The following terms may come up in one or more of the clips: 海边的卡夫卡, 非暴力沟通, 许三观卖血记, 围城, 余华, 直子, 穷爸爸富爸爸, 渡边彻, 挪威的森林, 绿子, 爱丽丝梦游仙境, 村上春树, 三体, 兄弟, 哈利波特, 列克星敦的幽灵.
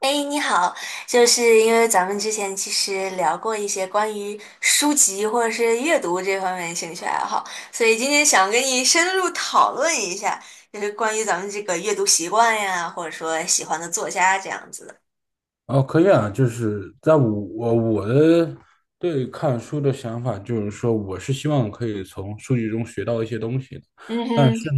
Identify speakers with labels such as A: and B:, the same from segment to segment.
A: 哎，你好，就是因为咱们之前其实聊过一些关于书籍或者是阅读这方面的兴趣爱好，所以今天想跟你深入讨论一下，就是关于咱们这个阅读习惯呀，或者说喜欢的作家这样子的。
B: 哦，可以啊，就是在我我我的对看书的想法，就是说，我是希望可以从数据中学到一些东西的。
A: 嗯哼。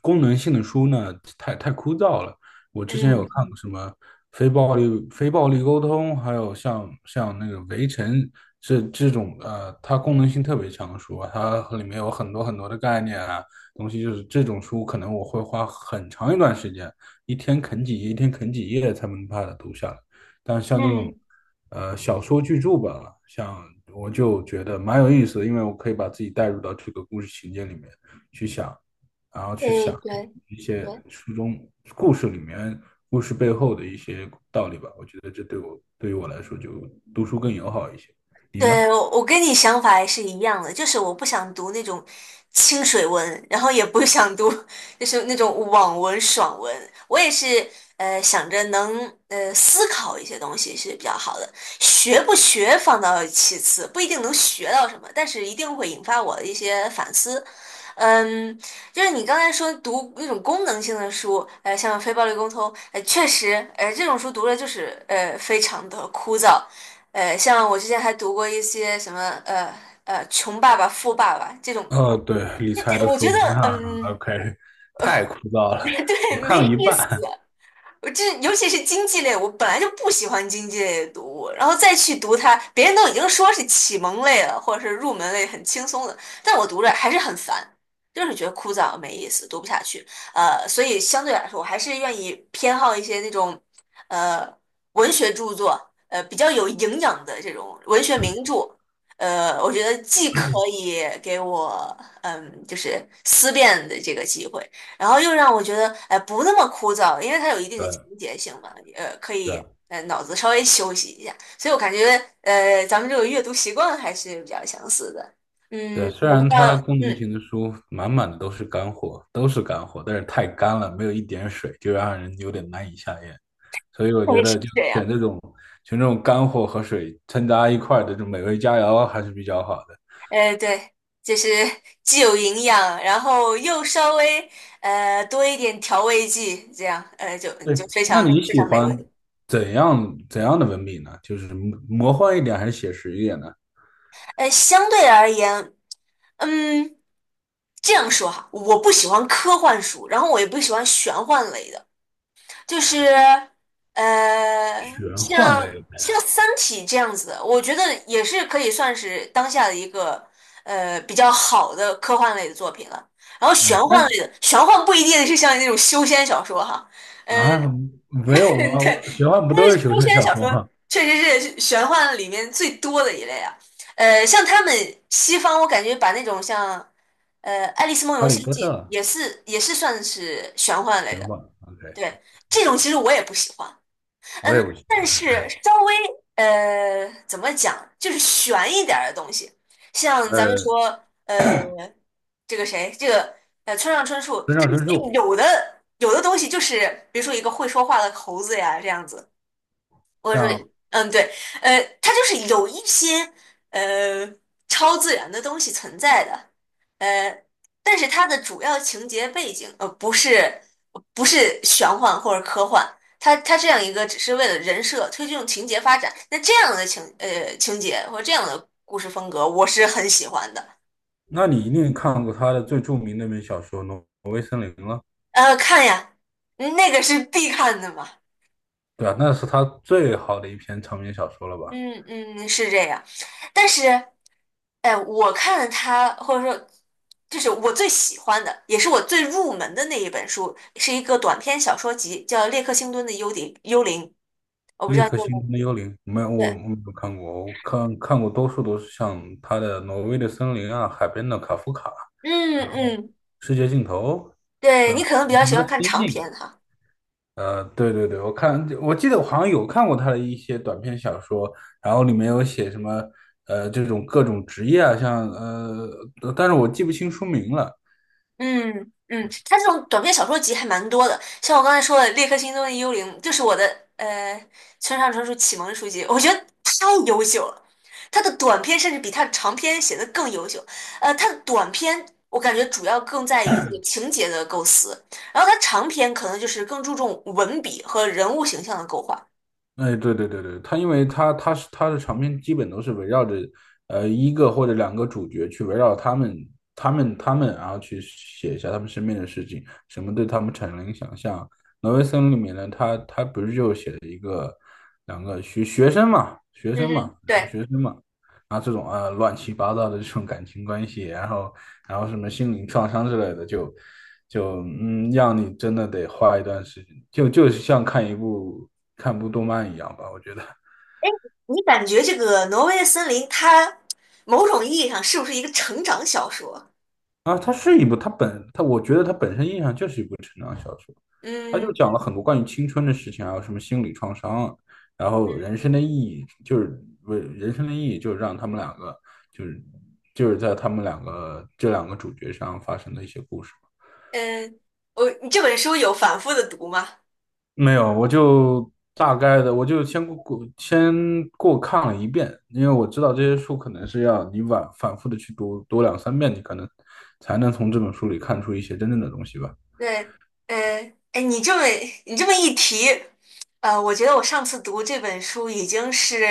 B: 功能性的书呢，太枯燥了。我之前
A: 嗯
B: 有看过什么非暴力沟通，还有像那个《围城》，这种，它功能性特别强的书啊，它里面有很多很多的概念啊东西。就是这种书可能我会花很长一段时间，一天啃几页，一天啃几页才能把它读下来。但像这种
A: 嗯。
B: 小说巨著吧，像我就觉得蛮有意思的，因为我可以把自己带入到这个故事情节里面去想，然后去
A: 对
B: 想
A: 对
B: 一些
A: 对。
B: 书中故事里面故事背后的一些道理吧。我觉得这对于我来说就读书更友好一些。你呢？
A: 对，我跟你想法也是一样的，就是我不想读那种清水文，然后也不想读就是那种网文、爽文。我也是想着能思考一些东西是比较好的，学不学放到其次，不一定能学到什么，但是一定会引发我的一些反思。嗯，就是你刚才说读那种功能性的书，像《非暴力沟通》，呃，确实，这种书读了就是非常的枯燥。像我之前还读过一些什么呃穷爸爸富爸爸这种，
B: 哦，对，理
A: 这
B: 财
A: 这
B: 都
A: 我觉
B: 说
A: 得
B: 的书，那
A: 嗯。
B: OK，太枯燥 了，我
A: 对，
B: 看了
A: 没
B: 一
A: 意思。
B: 半。
A: 我这尤其是经济类，我本来就不喜欢经济类的读物，然后再去读它，别人都已经说是启蒙类了，或者是入门类很轻松的，但我读着还是很烦，就是觉得枯燥没意思，读不下去。所以相对来说，我还是愿意偏好一些那种呃文学著作，比较有营养的这种文学名著。我觉得既可 以给我嗯，就是思辨的这个机会，然后又让我觉得哎不那么枯燥，因为它有一定的情
B: 对
A: 节性嘛，可
B: 对
A: 以脑子稍微休息一下，所以我感觉咱们这个阅读习惯还是比较相似的。
B: 对，
A: 嗯，
B: 虽
A: 我不
B: 然
A: 知
B: 它
A: 道，
B: 功能
A: 嗯。
B: 型的书满满的都是干货，都是干货，但是太干了，没有一点水，就让人有点难以下咽。所以 我觉
A: 对，是
B: 得就
A: 这样。
B: 选这种干货和水掺杂一块儿的这种美味佳肴还是比较好的。
A: 对，就是既有营养，然后又稍微多一点调味剂，这样就
B: 对，
A: 就非
B: 那
A: 常
B: 你
A: 非
B: 喜
A: 常美
B: 欢
A: 味。
B: 怎样的文笔呢？就是魔幻一点还是写实一点呢？
A: 相对而言，嗯，这样说哈，我不喜欢科幻书，然后我也不喜欢玄幻类的，就是呃，
B: 玄幻
A: 像
B: 类
A: 像
B: 的。
A: 《三体》这样子的，我觉得也是可以算是当下的一个比较好的科幻类的作品了。然后玄
B: 嗯，它
A: 幻类的，玄幻不一定是像那种修仙小说哈。呃
B: 啊，没有
A: 对，
B: 吗？我玄幻不都
A: 但
B: 是
A: 是
B: 求
A: 修
B: 生
A: 仙
B: 小
A: 小
B: 说
A: 说
B: 吗？
A: 确实是玄幻里面最多的一类啊。像他们西方，我感觉把那种像《爱丽丝梦
B: 哈
A: 游
B: 利
A: 仙
B: 波
A: 境》
B: 特
A: 也是算是玄幻类
B: 玄
A: 的。
B: 幻，OK，
A: 对，这种其实我也不喜欢。
B: 我也不
A: 嗯，
B: 行。
A: 但是稍微怎么讲，就是悬一点儿的东西，像咱们
B: 呃，
A: 说呃这个谁这个呃村上春树，
B: 村
A: 它
B: 上
A: 里
B: 春
A: 面
B: 树，
A: 有的东西就是比如说一个会说话的猴子呀这样子。我说，
B: 像，
A: 嗯，对。它就是有一些呃超自然的东西存在的。呃，但是它的主要情节背景不是玄幻或者科幻，它这样一个只是为了人设推动情节发展，那这样的情节或这样的故事风格，我是很喜欢的。
B: 那你一定看过他的最著名那本小说《挪威森林》了。
A: 看呀，那个是必看的嘛。
B: 对啊，那是他最好的一篇长篇小说了吧？
A: 嗯嗯，是这样。但是，哎，我看了他，或者说，就是我最喜欢的，也是我最入门的那一本书，是一个短篇小说集，叫《列克星敦的幽灵》。我不知
B: 《猎
A: 道你
B: 客
A: 有没
B: 星
A: 有
B: 空的幽灵》，没有，我
A: 对。
B: 没有看过，我看过多数都是像他的《挪威的森林》啊，《海边的卡夫卡》
A: 嗯嗯，
B: 《世界尽头》
A: 对你可能比较
B: 什
A: 喜
B: 么
A: 欢
B: 的
A: 看
B: 《仙
A: 长
B: 境》。
A: 篇哈。
B: 对对对，我记得我好像有看过他的一些短篇小说，然后里面有写什么这种各种职业啊，但是我记不清书名了。
A: 嗯嗯，它这种短篇小说集还蛮多的，像我刚才说的《列克星踪的幽灵》，就是我的呃村上春树启蒙书籍，我觉得太优秀了。他的短篇甚至比他的长篇写的更优秀。他的短篇我感觉主要更在于这个情节的构思，然后他长篇可能就是更注重文笔和人物形象的勾画。
B: 哎，对对对对，他因为他他是他的长篇基本都是围绕着一个或者两个主角去围绕他们，然后去写一下他们身边的事情，什么对他们产生了影响。像挪威森林里面呢，他不是就写了一个两个学学生嘛，学
A: 嗯
B: 生嘛，
A: 哼，
B: 两个
A: 对。
B: 学生嘛，啊，这种啊乱七八糟的这种感情关系，然后什么心灵创伤之类的，就就嗯，让你真的得花一段时间，就是像看部动漫一样吧，我觉得
A: 你感觉这个《挪威的森林》它某种意义上是不是一个成长小说？
B: 啊，它是一部，它我觉得它本身印象就是一部成长小说。它
A: 嗯
B: 就讲了
A: 嗯。
B: 很多关于青春的事情，还有什么心理创伤啊，然后人生的意义就是为人生的意义就是让他们两个就是就是在他们两个这两个主角上发生的一些故事。
A: 嗯，你这本书有反复的读吗？
B: 没有，我就大概的，我就先过看了一遍，因为我知道这些书可能是要你反复的去读读两三遍，你可能才能从这本书里看出一些真正的东西吧。
A: 对。嗯，哎，你这么一提，我觉得我上次读这本书已经是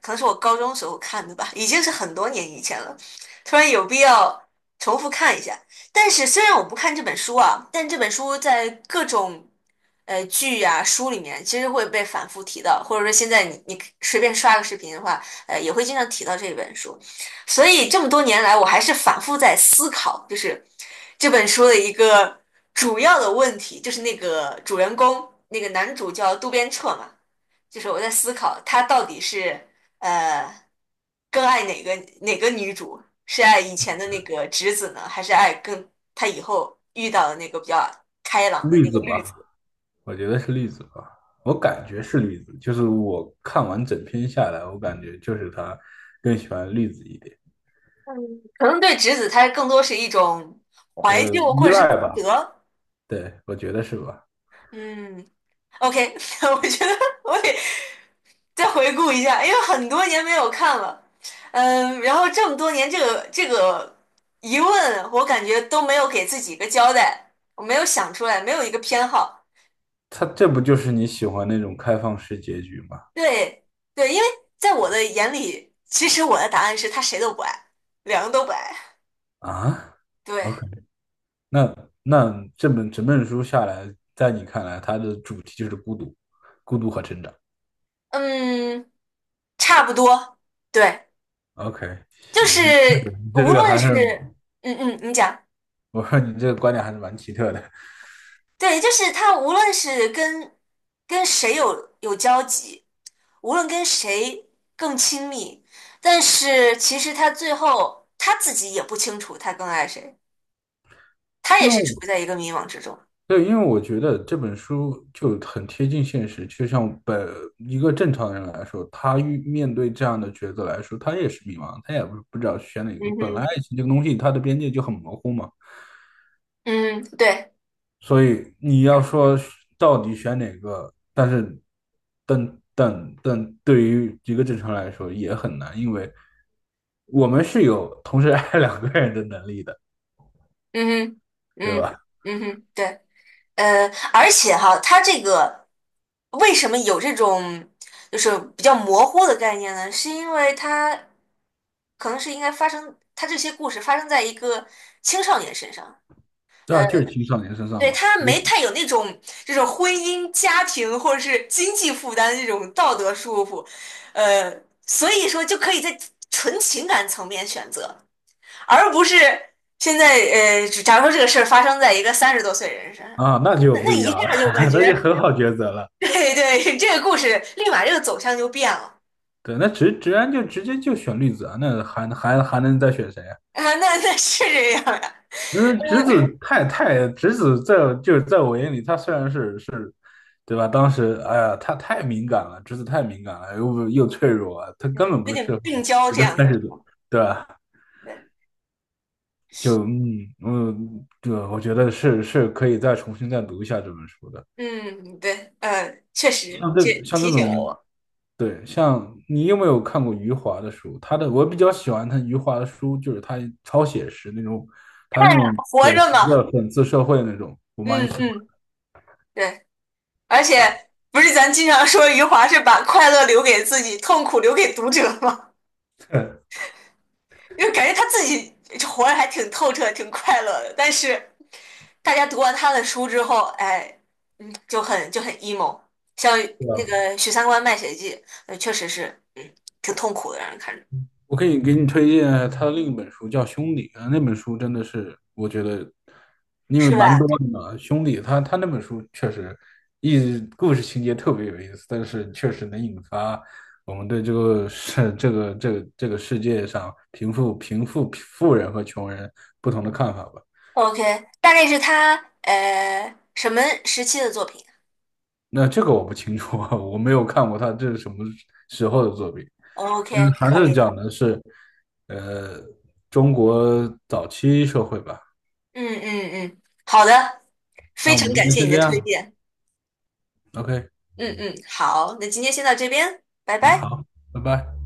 A: 可能是我高中时候看的吧，已经是很多年以前了，突然有必要重复看一下。但是虽然我不看这本书啊，但这本书在各种剧啊书里面其实会被反复提到，或者说现在你随便刷个视频的话，也会经常提到这本书。所以这么多年来，我还是反复在思考，就是这本书的一个主要的问题，就是那个主人公，那个男主叫渡边彻嘛，就是我在思考他到底是呃更爱哪个女主，是爱以前的那个直子呢，还是爱更他以后遇到的那个比较开朗的
B: 例
A: 那个
B: 子
A: 绿子？
B: 吧，我觉得是例子吧，我感觉是例子，就是我看完整篇下来，我感觉就是他更喜欢例子一点。
A: 嗯，可能对直子，他更多是一种怀旧或
B: 依
A: 者是
B: 赖
A: 自
B: 吧，
A: 责。
B: 对，我觉得是吧？
A: 嗯，OK。我觉得我得再回顾一下，因为很多年没有看了。嗯，然后这么多年，这个疑问，我感觉都没有给自己一个交代，我没有想出来，没有一个偏好。
B: 他这不就是你喜欢那种开放式结局吗？
A: 对对，因为在我的眼里，其实我的答案是他谁都不爱，两个都不爱。
B: 啊？OK？
A: 对，
B: o k， 那那这本整本书下来，在你看来，它的主题就是孤独和成长。
A: 嗯，差不多。对，
B: OK，
A: 就是
B: 行，你这
A: 无
B: 个
A: 论
B: 还
A: 是，
B: 是
A: 嗯嗯，你讲。
B: 我说你这个观点还是蛮奇特的，
A: 对，就是他无论是跟谁有交集，无论跟谁更亲密，但是其实他最后他自己也不清楚他更爱谁，他
B: 因
A: 也
B: 为
A: 是
B: 我
A: 处在一个迷茫之中。
B: 对，因为我觉得这本书就很贴近现实，就像一个正常人来说，他面对这样的抉择来说，他也是迷茫，他也不知道选哪
A: 嗯
B: 个。本来
A: 哼，
B: 爱情这个东西，它的边界就很模糊嘛。
A: 嗯，对，
B: 所以你要说到底选哪个，但是，等等，对于一个正常来说也很难，因为我们是有同时爱两个人的能力的，
A: 嗯哼，嗯，嗯哼，对。而且哈，它这个为什么有这种就是比较模糊的概念呢？是因为它可能是应该发生，它这些故事发生在一个青少年身上。呃，
B: 这就是青少年身上
A: 对，
B: 嘛。
A: 他没太有那种这种婚姻、家庭或者是经济负担的这种道德束缚，呃，所以说就可以在纯情感层面选择，而不是现在假如说这个事儿发生在一个三十多岁人身上。
B: 啊，那就
A: 那
B: 不
A: 那
B: 一
A: 一
B: 样了，
A: 下就感 觉
B: 那就很好抉择了。
A: 对对，这个故事立马这个走向就变了
B: 对，那直接就选绿子啊，那还能再选谁啊？
A: 啊，那那是这样呀、
B: 那侄子就是在我眼里，他虽然是，对吧？当时哎呀，他太敏感了，侄子太敏感了，又脆弱，他根
A: 嗯，
B: 本
A: 有
B: 不适
A: 点
B: 合
A: 病娇
B: 一
A: 这
B: 个
A: 样
B: 三
A: 的时
B: 十多，
A: 候
B: 对吧？
A: 对，
B: 就嗯嗯，对，我觉得是可以再重新再读一下这本书的。
A: 嗯，对。确实，你这
B: 像这
A: 提醒了
B: 种。
A: 我，
B: 对，像你有没有看过余华的书？我比较喜欢他余华的书，就是他超写实那种，他那种
A: 活
B: 写
A: 着
B: 实
A: 嘛。
B: 的讽刺社会那种，我蛮喜
A: 嗯
B: 欢。
A: 嗯，对，而且不是咱经常说余华是把快乐留给自己，痛苦留给读者吗？
B: 的，
A: 因为感觉他自己活得还挺透彻、挺快乐的，但是大家读完他的书之后，哎，嗯，就很就很 emo,像
B: 对
A: 那个
B: 啊，
A: 《许三观卖血记》，确实是，嗯，挺痛苦的，让人看着，
B: 我可以给你推荐他的另一本书，叫《兄弟》啊，那本书真的是我觉得，因为
A: 是
B: 蛮
A: 吧
B: 多的嘛，《兄弟》他那本书确实故事情节特别有意思，但是确实能引发我们对这个世这个这个这个世界上贫富贫富富人和穷人不同的看法吧。
A: ？OK,大概是他什么时期的作品
B: 那这个我不清楚，我没有看过他这是什么时候的作品，
A: 啊
B: 但是
A: ？OK,
B: 还
A: 可
B: 是
A: 以，
B: 讲的是，呃，中国早期社会吧。
A: 嗯嗯嗯，好的，
B: 那
A: 非
B: 我们
A: 常
B: 今
A: 感
B: 天
A: 谢
B: 先
A: 你
B: 这
A: 的推
B: 样
A: 荐，
B: ，OK，
A: 嗯嗯，好，那今天先到这边，拜
B: 嗯，
A: 拜。
B: 好，拜拜。